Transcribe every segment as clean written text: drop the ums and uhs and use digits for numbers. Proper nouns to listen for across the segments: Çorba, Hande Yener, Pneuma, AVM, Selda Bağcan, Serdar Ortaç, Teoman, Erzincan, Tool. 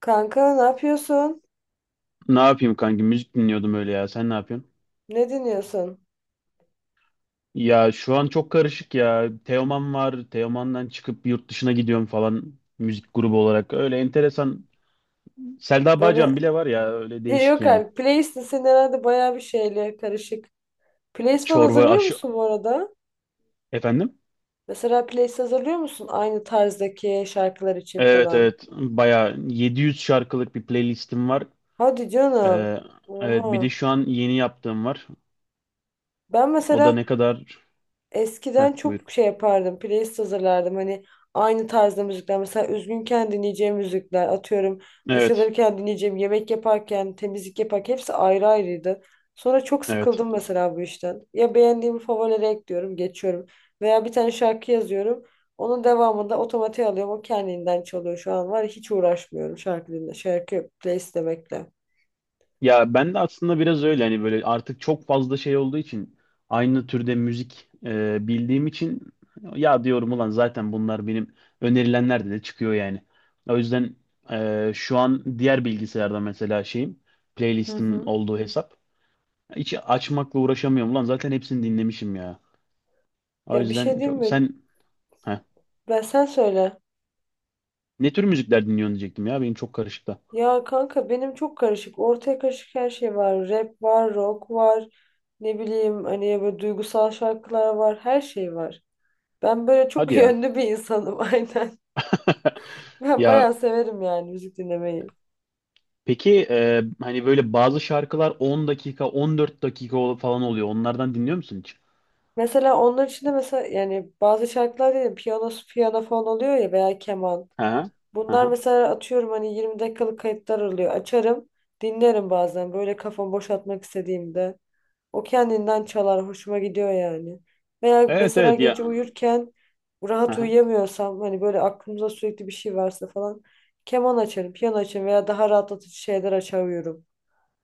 Kanka ne yapıyorsun? Ne yapayım kanki? Müzik dinliyordum öyle ya. Sen ne yapıyorsun? Ne dinliyorsun? Ya şu an çok karışık ya. Teoman var. Teoman'dan çıkıp yurt dışına gidiyorum falan. Müzik grubu olarak. Öyle enteresan. Selda Bağcan Böyle bile var ya. Öyle değişik yok yani. abi playlist'in senin herhalde bayağı bir şeyle karışık. Playlist falan Çorba hazırlıyor aşı... musun bu arada? Efendim? Mesela playlist hazırlıyor musun aynı tarzdaki şarkılar için Evet, falan? evet. Baya yüz şarkılık bir playlistim var. Hadi canım. Ee, evet, bir de Oha. şu an yeni yaptığım var. Ben O da mesela ne kadar... Heh, eskiden buyur. çok şey yapardım. Playlist hazırlardım. Hani aynı tarzda müzikler. Mesela üzgünken dinleyeceğim müzikler. Atıyorum duş Evet. alırken dinleyeceğim. Yemek yaparken, temizlik yaparken hepsi ayrı ayrıydı. Sonra çok Evet. sıkıldım mesela bu işten. Ya beğendiğimi favorilere ekliyorum, geçiyorum. Veya bir tane şarkı yazıyorum. Onun devamında otomatiğe alıyorum. O kendinden çalıyor şu an var. Ya, hiç uğraşmıyorum şarkı dinle, şarkı playlist demekle. Ya ben de aslında biraz öyle hani böyle artık çok fazla şey olduğu için aynı türde müzik bildiğim için ya diyorum ulan zaten bunlar benim önerilenlerde de çıkıyor yani. O yüzden şu an diğer bilgisayarda mesela şeyim, Hı playlistim hı. olduğu hesap hiç açmakla uğraşamıyorum ulan, zaten hepsini dinlemişim ya. O Ya bir şey yüzden diyeyim çok mi? sen, heh, Ben sen söyle. ne tür müzikler dinliyorsun diyecektim ya, benim çok karışık da. Ya kanka benim çok karışık. Ortaya karışık her şey var. Rap var, rock var. Ne bileyim hani böyle duygusal şarkılar var. Her şey var. Ben böyle Hadi çok ya. yönlü bir insanım aynen. Ben Ya, bayağı severim yani müzik dinlemeyi. peki hani böyle bazı şarkılar 10 dakika, 14 dakika falan oluyor. Onlardan dinliyor musun hiç? Mesela onlar içinde mesela yani bazı şarkılar değil, piyano, piyano falan oluyor ya veya keman. Aha, Bunlar aha. mesela atıyorum hani 20 dakikalık kayıtlar oluyor. Açarım, dinlerim bazen böyle kafamı boşaltmak istediğimde. O kendinden çalar, hoşuma gidiyor yani. Veya Evet, mesela evet gece ya. uyurken rahat Aha. uyuyamıyorsam hani böyle aklımda sürekli bir şey varsa falan keman açarım, piyano açarım veya daha rahatlatıcı şeyler açar uyurum.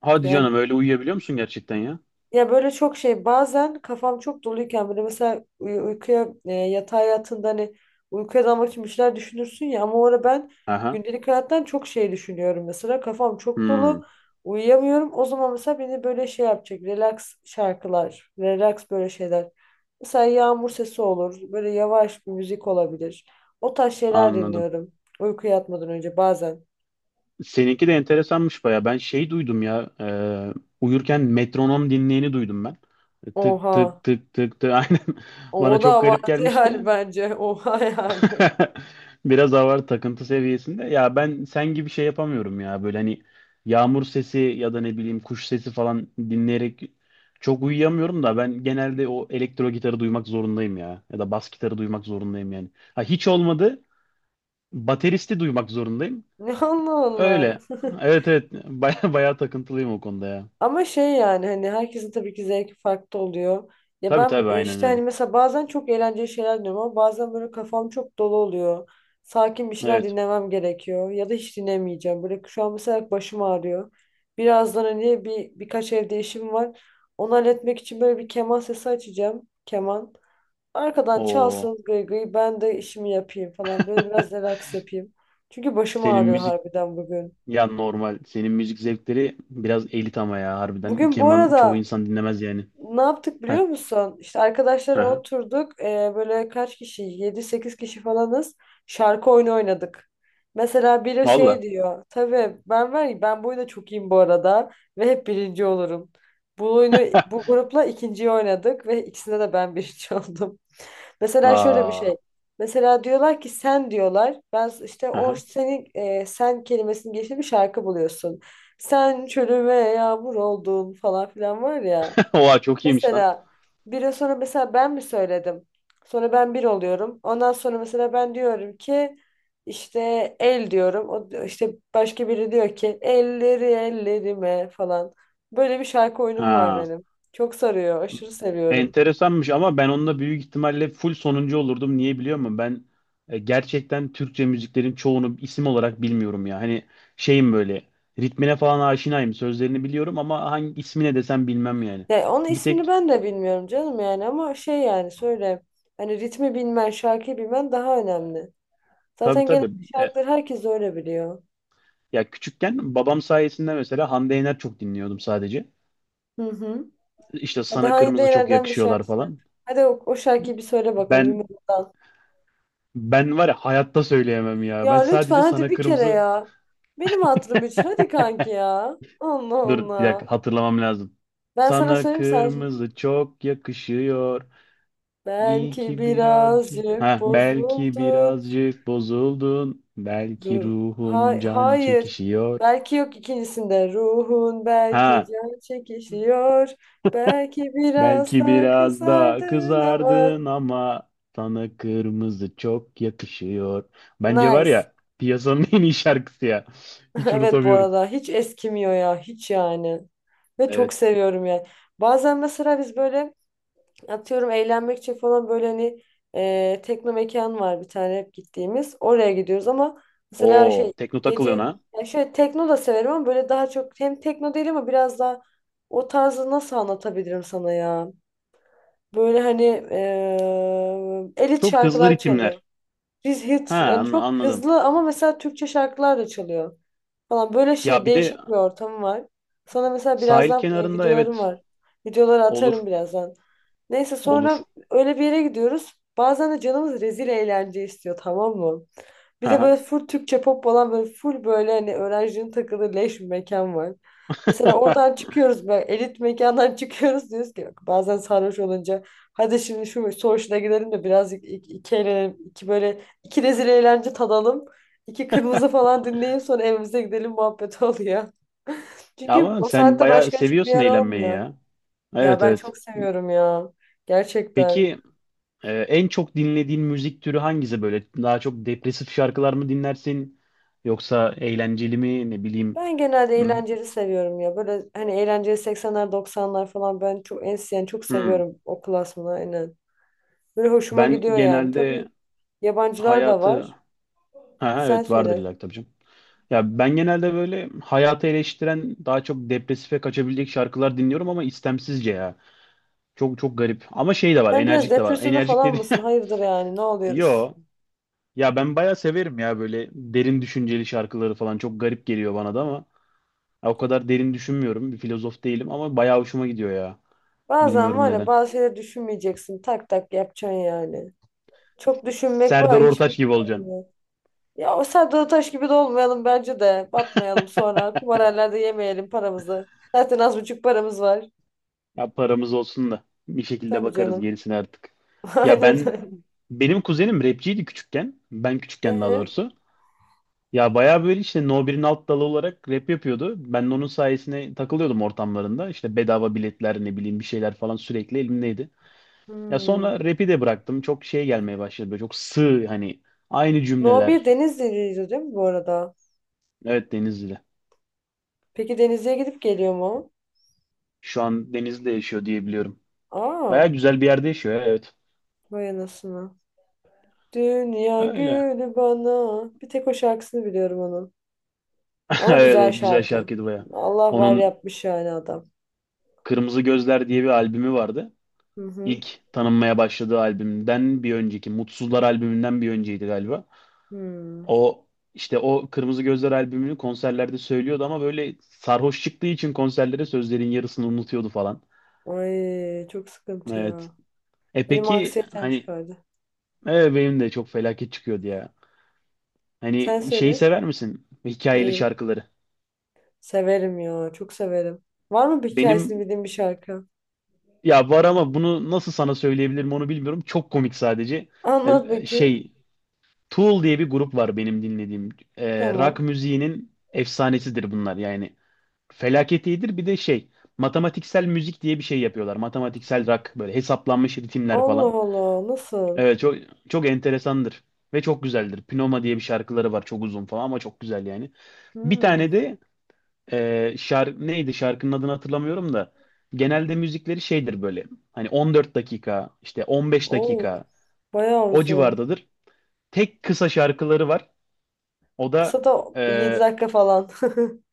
Hadi Yani canım, öyle uyuyabiliyor musun gerçekten ya? ya böyle çok şey bazen kafam çok doluyken böyle mesela uykuya yatağa yattığında hani uykuya dalmak için bir şeyler düşünürsün ya ama orada ben Aha. gündelik hayattan çok şey düşünüyorum mesela kafam çok Hmm, dolu uyuyamıyorum o zaman mesela beni böyle şey yapacak relax şarkılar relax böyle şeyler mesela yağmur sesi olur böyle yavaş bir müzik olabilir o tarz şeyler anladım. dinliyorum uykuya yatmadan önce bazen Seninki de enteresanmış baya. Ben şey duydum ya. Uyurken metronom dinleyeni duydum ben. Tık, oha tık, tık, tık, tık. Aynen. o Bana da çok garip abartı gelmişti. yani bence oha yani. Biraz hava, takıntı seviyesinde. Ya ben sen gibi şey yapamıyorum ya. Böyle hani yağmur sesi ya da ne bileyim kuş sesi falan dinleyerek çok uyuyamıyorum da, ben genelde o elektro gitarı duymak zorundayım ya. Ya da bas gitarı duymak zorundayım yani. Ha, hiç olmadı bateristi duymak zorundayım. Allah Allah. Öyle. Evet, evet, baya baya takıntılıyım o konuda ya. Ama şey yani hani herkesin tabii ki zevki farklı oluyor. Ya Tabii, ben tabii, aynen işte hani öyle. mesela bazen çok eğlenceli şeyler dinliyorum ama bazen böyle kafam çok dolu oluyor. Sakin bir şeyler Evet. dinlemem gerekiyor ya da hiç dinlemeyeceğim. Böyle şu an mesela başım ağrıyor. Birazdan hani birkaç evde işim var. Onu halletmek için böyle bir keman sesi açacağım. Keman. Arkadan O, çalsın gıy gıy ben de işimi yapayım falan. Böyle biraz relax yapayım. Çünkü başım senin ağrıyor müzik, harbiden bugün. ya normal. Senin müzik zevkleri biraz elit ama ya, harbiden. Bugün bu Keman çoğu arada insan dinlemez yani. ne yaptık Heh, biliyor musun? İşte arkadaşlara aha. oturduk. Böyle kaç kişi? Yedi sekiz kişi falanız. Şarkı oyunu oynadık. Mesela biri şey Valla. diyor. Tabii ben var ya ben bu oyunda çok iyiyim bu arada. Ve hep birinci olurum. Bu oyunu bu grupla ikinciyi oynadık. Ve ikisinde de ben birinci oldum. Mesela şöyle bir Aa, şey. Mesela diyorlar ki sen diyorlar. Ben işte o aha. senin sen kelimesinin geçtiği bir şarkı buluyorsun. Sen çölüme yağmur oldun falan filan var ya. Oha, çok iyiymiş lan. Mesela bir sonra mesela ben mi söyledim? Sonra ben bir oluyorum. Ondan sonra mesela ben diyorum ki işte el diyorum. İşte başka biri diyor ki elleri ellerime falan. Böyle bir şarkı oyunum var Ha. benim. Çok sarıyor. Aşırı seviyorum. Enteresanmış ama ben onunla büyük ihtimalle full sonuncu olurdum. Niye biliyor musun? Ben gerçekten Türkçe müziklerin çoğunu isim olarak bilmiyorum ya. Hani şeyim böyle ritmine falan aşinayım. Sözlerini biliyorum ama hangi ismine desem bilmem yani. Ya onun Bir ismini tek, ben de bilmiyorum canım yani ama şey yani söyle. Hani ritmi bilmen, şarkıyı bilmen daha önemli. tabii, Zaten genelde tabii. e, şarkıları herkes öyle biliyor. Ya küçükken babam sayesinde mesela Hande Yener çok dinliyordum sadece. Hı hı. İşte Hadi sana Hande kırmızı çok Yener'den bir yakışıyorlar şarkı söyle. falan. Hadi o şarkıyı bir söyle bakalım bir Ben mırıldan. ben var ya, hayatta söyleyemem ya. Ya Ben lütfen sadece hadi sana bir kere kırmızı... ya. Benim hatırım için hadi kanki ya. Allah Dur bir Allah. dakika, hatırlamam lazım. Ben sana Sana söyleyeyim sen sor. kırmızı çok yakışıyor. İyi Belki ki birazcık. birazcık Ha, belki bozuldun. birazcık bozuldun. Belki Ruh. ruhun Hay can hayır. çekişiyor. Belki yok ikincisinde. Ruhun belki Ha, can çekişiyor. Belki biraz belki daha biraz da kızardın ama. kızardın ama sana kırmızı çok yakışıyor. Bence var Nice. ya, piyasanın en iyi şarkısı ya. Hiç Evet bu unutamıyorum. arada hiç eskimiyor ya hiç yani. Ve çok Evet. seviyorum yani. Bazen mesela biz böyle atıyorum eğlenmek için falan böyle hani tekno mekan var bir tane hep gittiğimiz. Oraya gidiyoruz ama mesela Oo, şey tekno takılıyorsun gece ha. yani şöyle tekno da severim ama böyle daha çok hem tekno değil ama biraz daha o tarzı nasıl anlatabilirim sana ya? Böyle hani elit Çok hızlı şarkılar çalıyor. ritimler. Biz hit Ha, yani çok anladım. hızlı ama mesela Türkçe şarkılar da çalıyor falan. Böyle Ya şey bir de değişik bir ortam var. Sonra mesela sahil birazdan kenarında, videolarım evet, var. Videoları olur. atarım birazdan. Neyse Olur. sonra öyle bir yere gidiyoruz. Bazen de canımız rezil eğlence istiyor tamam mı? Bir de Ha. böyle full Türkçe pop olan böyle full böyle hani öğrencinin takıldığı leş bir mekan var. Mesela oradan çıkıyoruz böyle elit mekandan çıkıyoruz diyoruz ki bak bazen sarhoş olunca hadi şimdi şu Soğuş'una gidelim de birazcık iki eğlenelim. İki böyle iki rezil eğlence tadalım. İki kırmızı falan dinleyip sonra evimize gidelim muhabbet oluyor. Çünkü Ama o sen saatte bayağı başka açık bir seviyorsun yer eğlenmeyi olmuyor. ya. Ya Evet, ben evet. çok seviyorum ya. Gerçekten. Peki, en çok dinlediğin müzik türü hangisi böyle? Daha çok depresif şarkılar mı dinlersin? Yoksa eğlenceli mi? Ne bileyim. Ben genelde Hmm. eğlenceli seviyorum ya. Böyle hani eğlenceli 80'ler 90'lar falan ben çok en yani çok Hmm. seviyorum o klasmanı aynen. Böyle hoşuma Ben gidiyor yani. genelde Tabii yabancılar da hayatı... var. Ha, ha, Sen evet, vardır söyle. illa ki, tabii canım. Ya ben genelde böyle hayatı eleştiren, daha çok depresife kaçabilecek şarkılar dinliyorum ama istemsizce ya. Çok çok garip. Ama şey de var, Sen biraz enerjik de var. depresyonda Enerjik falan dedi. mısın? Hayırdır yani ne oluyoruz? Yo. Ya ben bayağı severim ya, böyle derin düşünceli şarkıları falan. Çok garip geliyor bana da ama. Ya, o kadar derin düşünmüyorum. Bir filozof değilim ama bayağı hoşuma gidiyor ya. Bazen Bilmiyorum var ya neden. bazı şeyleri düşünmeyeceksin. Tak tak yapacaksın yani. Çok düşünmek Serdar var Ortaç hiçbir gibi şey olacaksın. yok. Ya o Serdar Taş gibi de olmayalım bence de. Batmayalım sonra. Kumarhanelerde yemeyelim paramızı. Zaten az buçuk paramız var. Ya, paramız olsun da bir şekilde Tabii bakarız canım. gerisine artık. Ya Aynen öyle. benim kuzenim rapçiydi küçükken. Ben küçükken daha Ee, doğrusu. Ya bayağı böyle işte No 1'in alt dalı olarak rap yapıyordu. Ben de onun sayesinde takılıyordum ortamlarında. İşte bedava biletler, ne bileyim, bir şeyler falan sürekli elimdeydi. Ya hmm. sonra rap'i de bıraktım. Çok şey gelmeye başladı. Böyle çok sığ, hani aynı No 1 cümleler. Denizli'ydi değil mi bu arada? Evet, Denizli. Peki Denizli'ye gidip geliyor mu? Şu an Denizli'de yaşıyor diye biliyorum. Aa, Baya güzel bir yerde yaşıyor ya, evet. vay anasını. Dünya Öyle. günü bana. Bir tek o şarkısını biliyorum onun. Ama Evet, güzel evet, güzel şarkı. şarkıydı baya. Allah var Onun yapmış yani adam. Kırmızı Gözler diye bir albümü vardı. Hı hı. İlk tanınmaya başladığı albümden bir önceki, Mutsuzlar albümünden bir önceydi galiba. Hmm. O işte o Kırmızı Gözler albümünü konserlerde söylüyordu ama böyle sarhoş çıktığı için konserlere, sözlerin yarısını unutuyordu falan. Ay çok sıkıntı Evet. ya. E, Benim peki anksiyetem hani, çıkardı. evet, benim de çok felaket çıkıyordu ya. Sen Hani şeyi söyle. sever misin? Hikayeli Değil. şarkıları. Severim ya. Çok severim. Var mı bir Benim hikayesini bildiğin bir şarkı? Ya, var ama bunu nasıl sana söyleyebilirim onu bilmiyorum. Çok komik sadece. Anlat bakayım. Şey, Tool diye bir grup var benim dinlediğim. Rock Tamam. müziğinin efsanesidir bunlar yani. Felaket iyidir. Bir de şey, matematiksel müzik diye bir şey yapıyorlar. Matematiksel rock, böyle hesaplanmış ritimler Allah falan. Allah. Nasıl? Evet, çok çok enteresandır ve çok güzeldir. Pneuma diye bir şarkıları var, çok uzun falan ama çok güzel yani. Bir Hmm. tane de şarkı neydi, şarkının adını hatırlamıyorum da, genelde müzikleri şeydir, böyle hani 14 dakika, işte 15 Oo, dakika bayağı o uzun. civardadır. Tek kısa şarkıları var. O da Kısa da bir 7 e, dakika falan.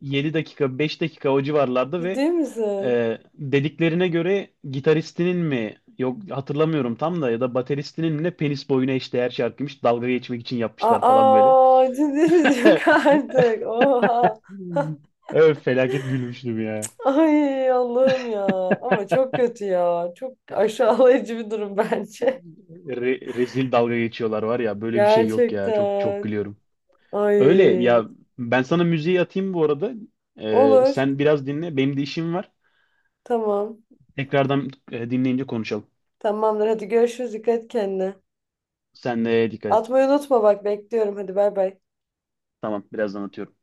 7 dakika, 5 dakika o civarlarda ve Ciddi misin? Dediklerine göre gitaristinin mi, yok hatırlamıyorum tam da, ya da bateristinin mi ne, penis boyuna eşdeğer şarkıymış, dalga geçmek için yapmışlar falan böyle. Aa, ciddi misin? Yok artık. Oha. Evet, felaket gülmüştüm ya. Ay Allah'ım ya. Ama çok kötü ya. Çok aşağılayıcı bir durum bence. Rezil dalga geçiyorlar var ya, böyle bir şey yok ya, çok çok Gerçekten. gülüyorum. Öyle Ay. ya, ben sana müziği atayım bu arada. Ee, Olur. sen biraz dinle, benim de işim var. Tamam. Tekrardan dinleyince konuşalım. Tamamdır. Hadi görüşürüz. Dikkat et kendine. Sen de dikkat et. Atmayı unutma bak. Bekliyorum. Hadi bay bay. Tamam, birazdan atıyorum.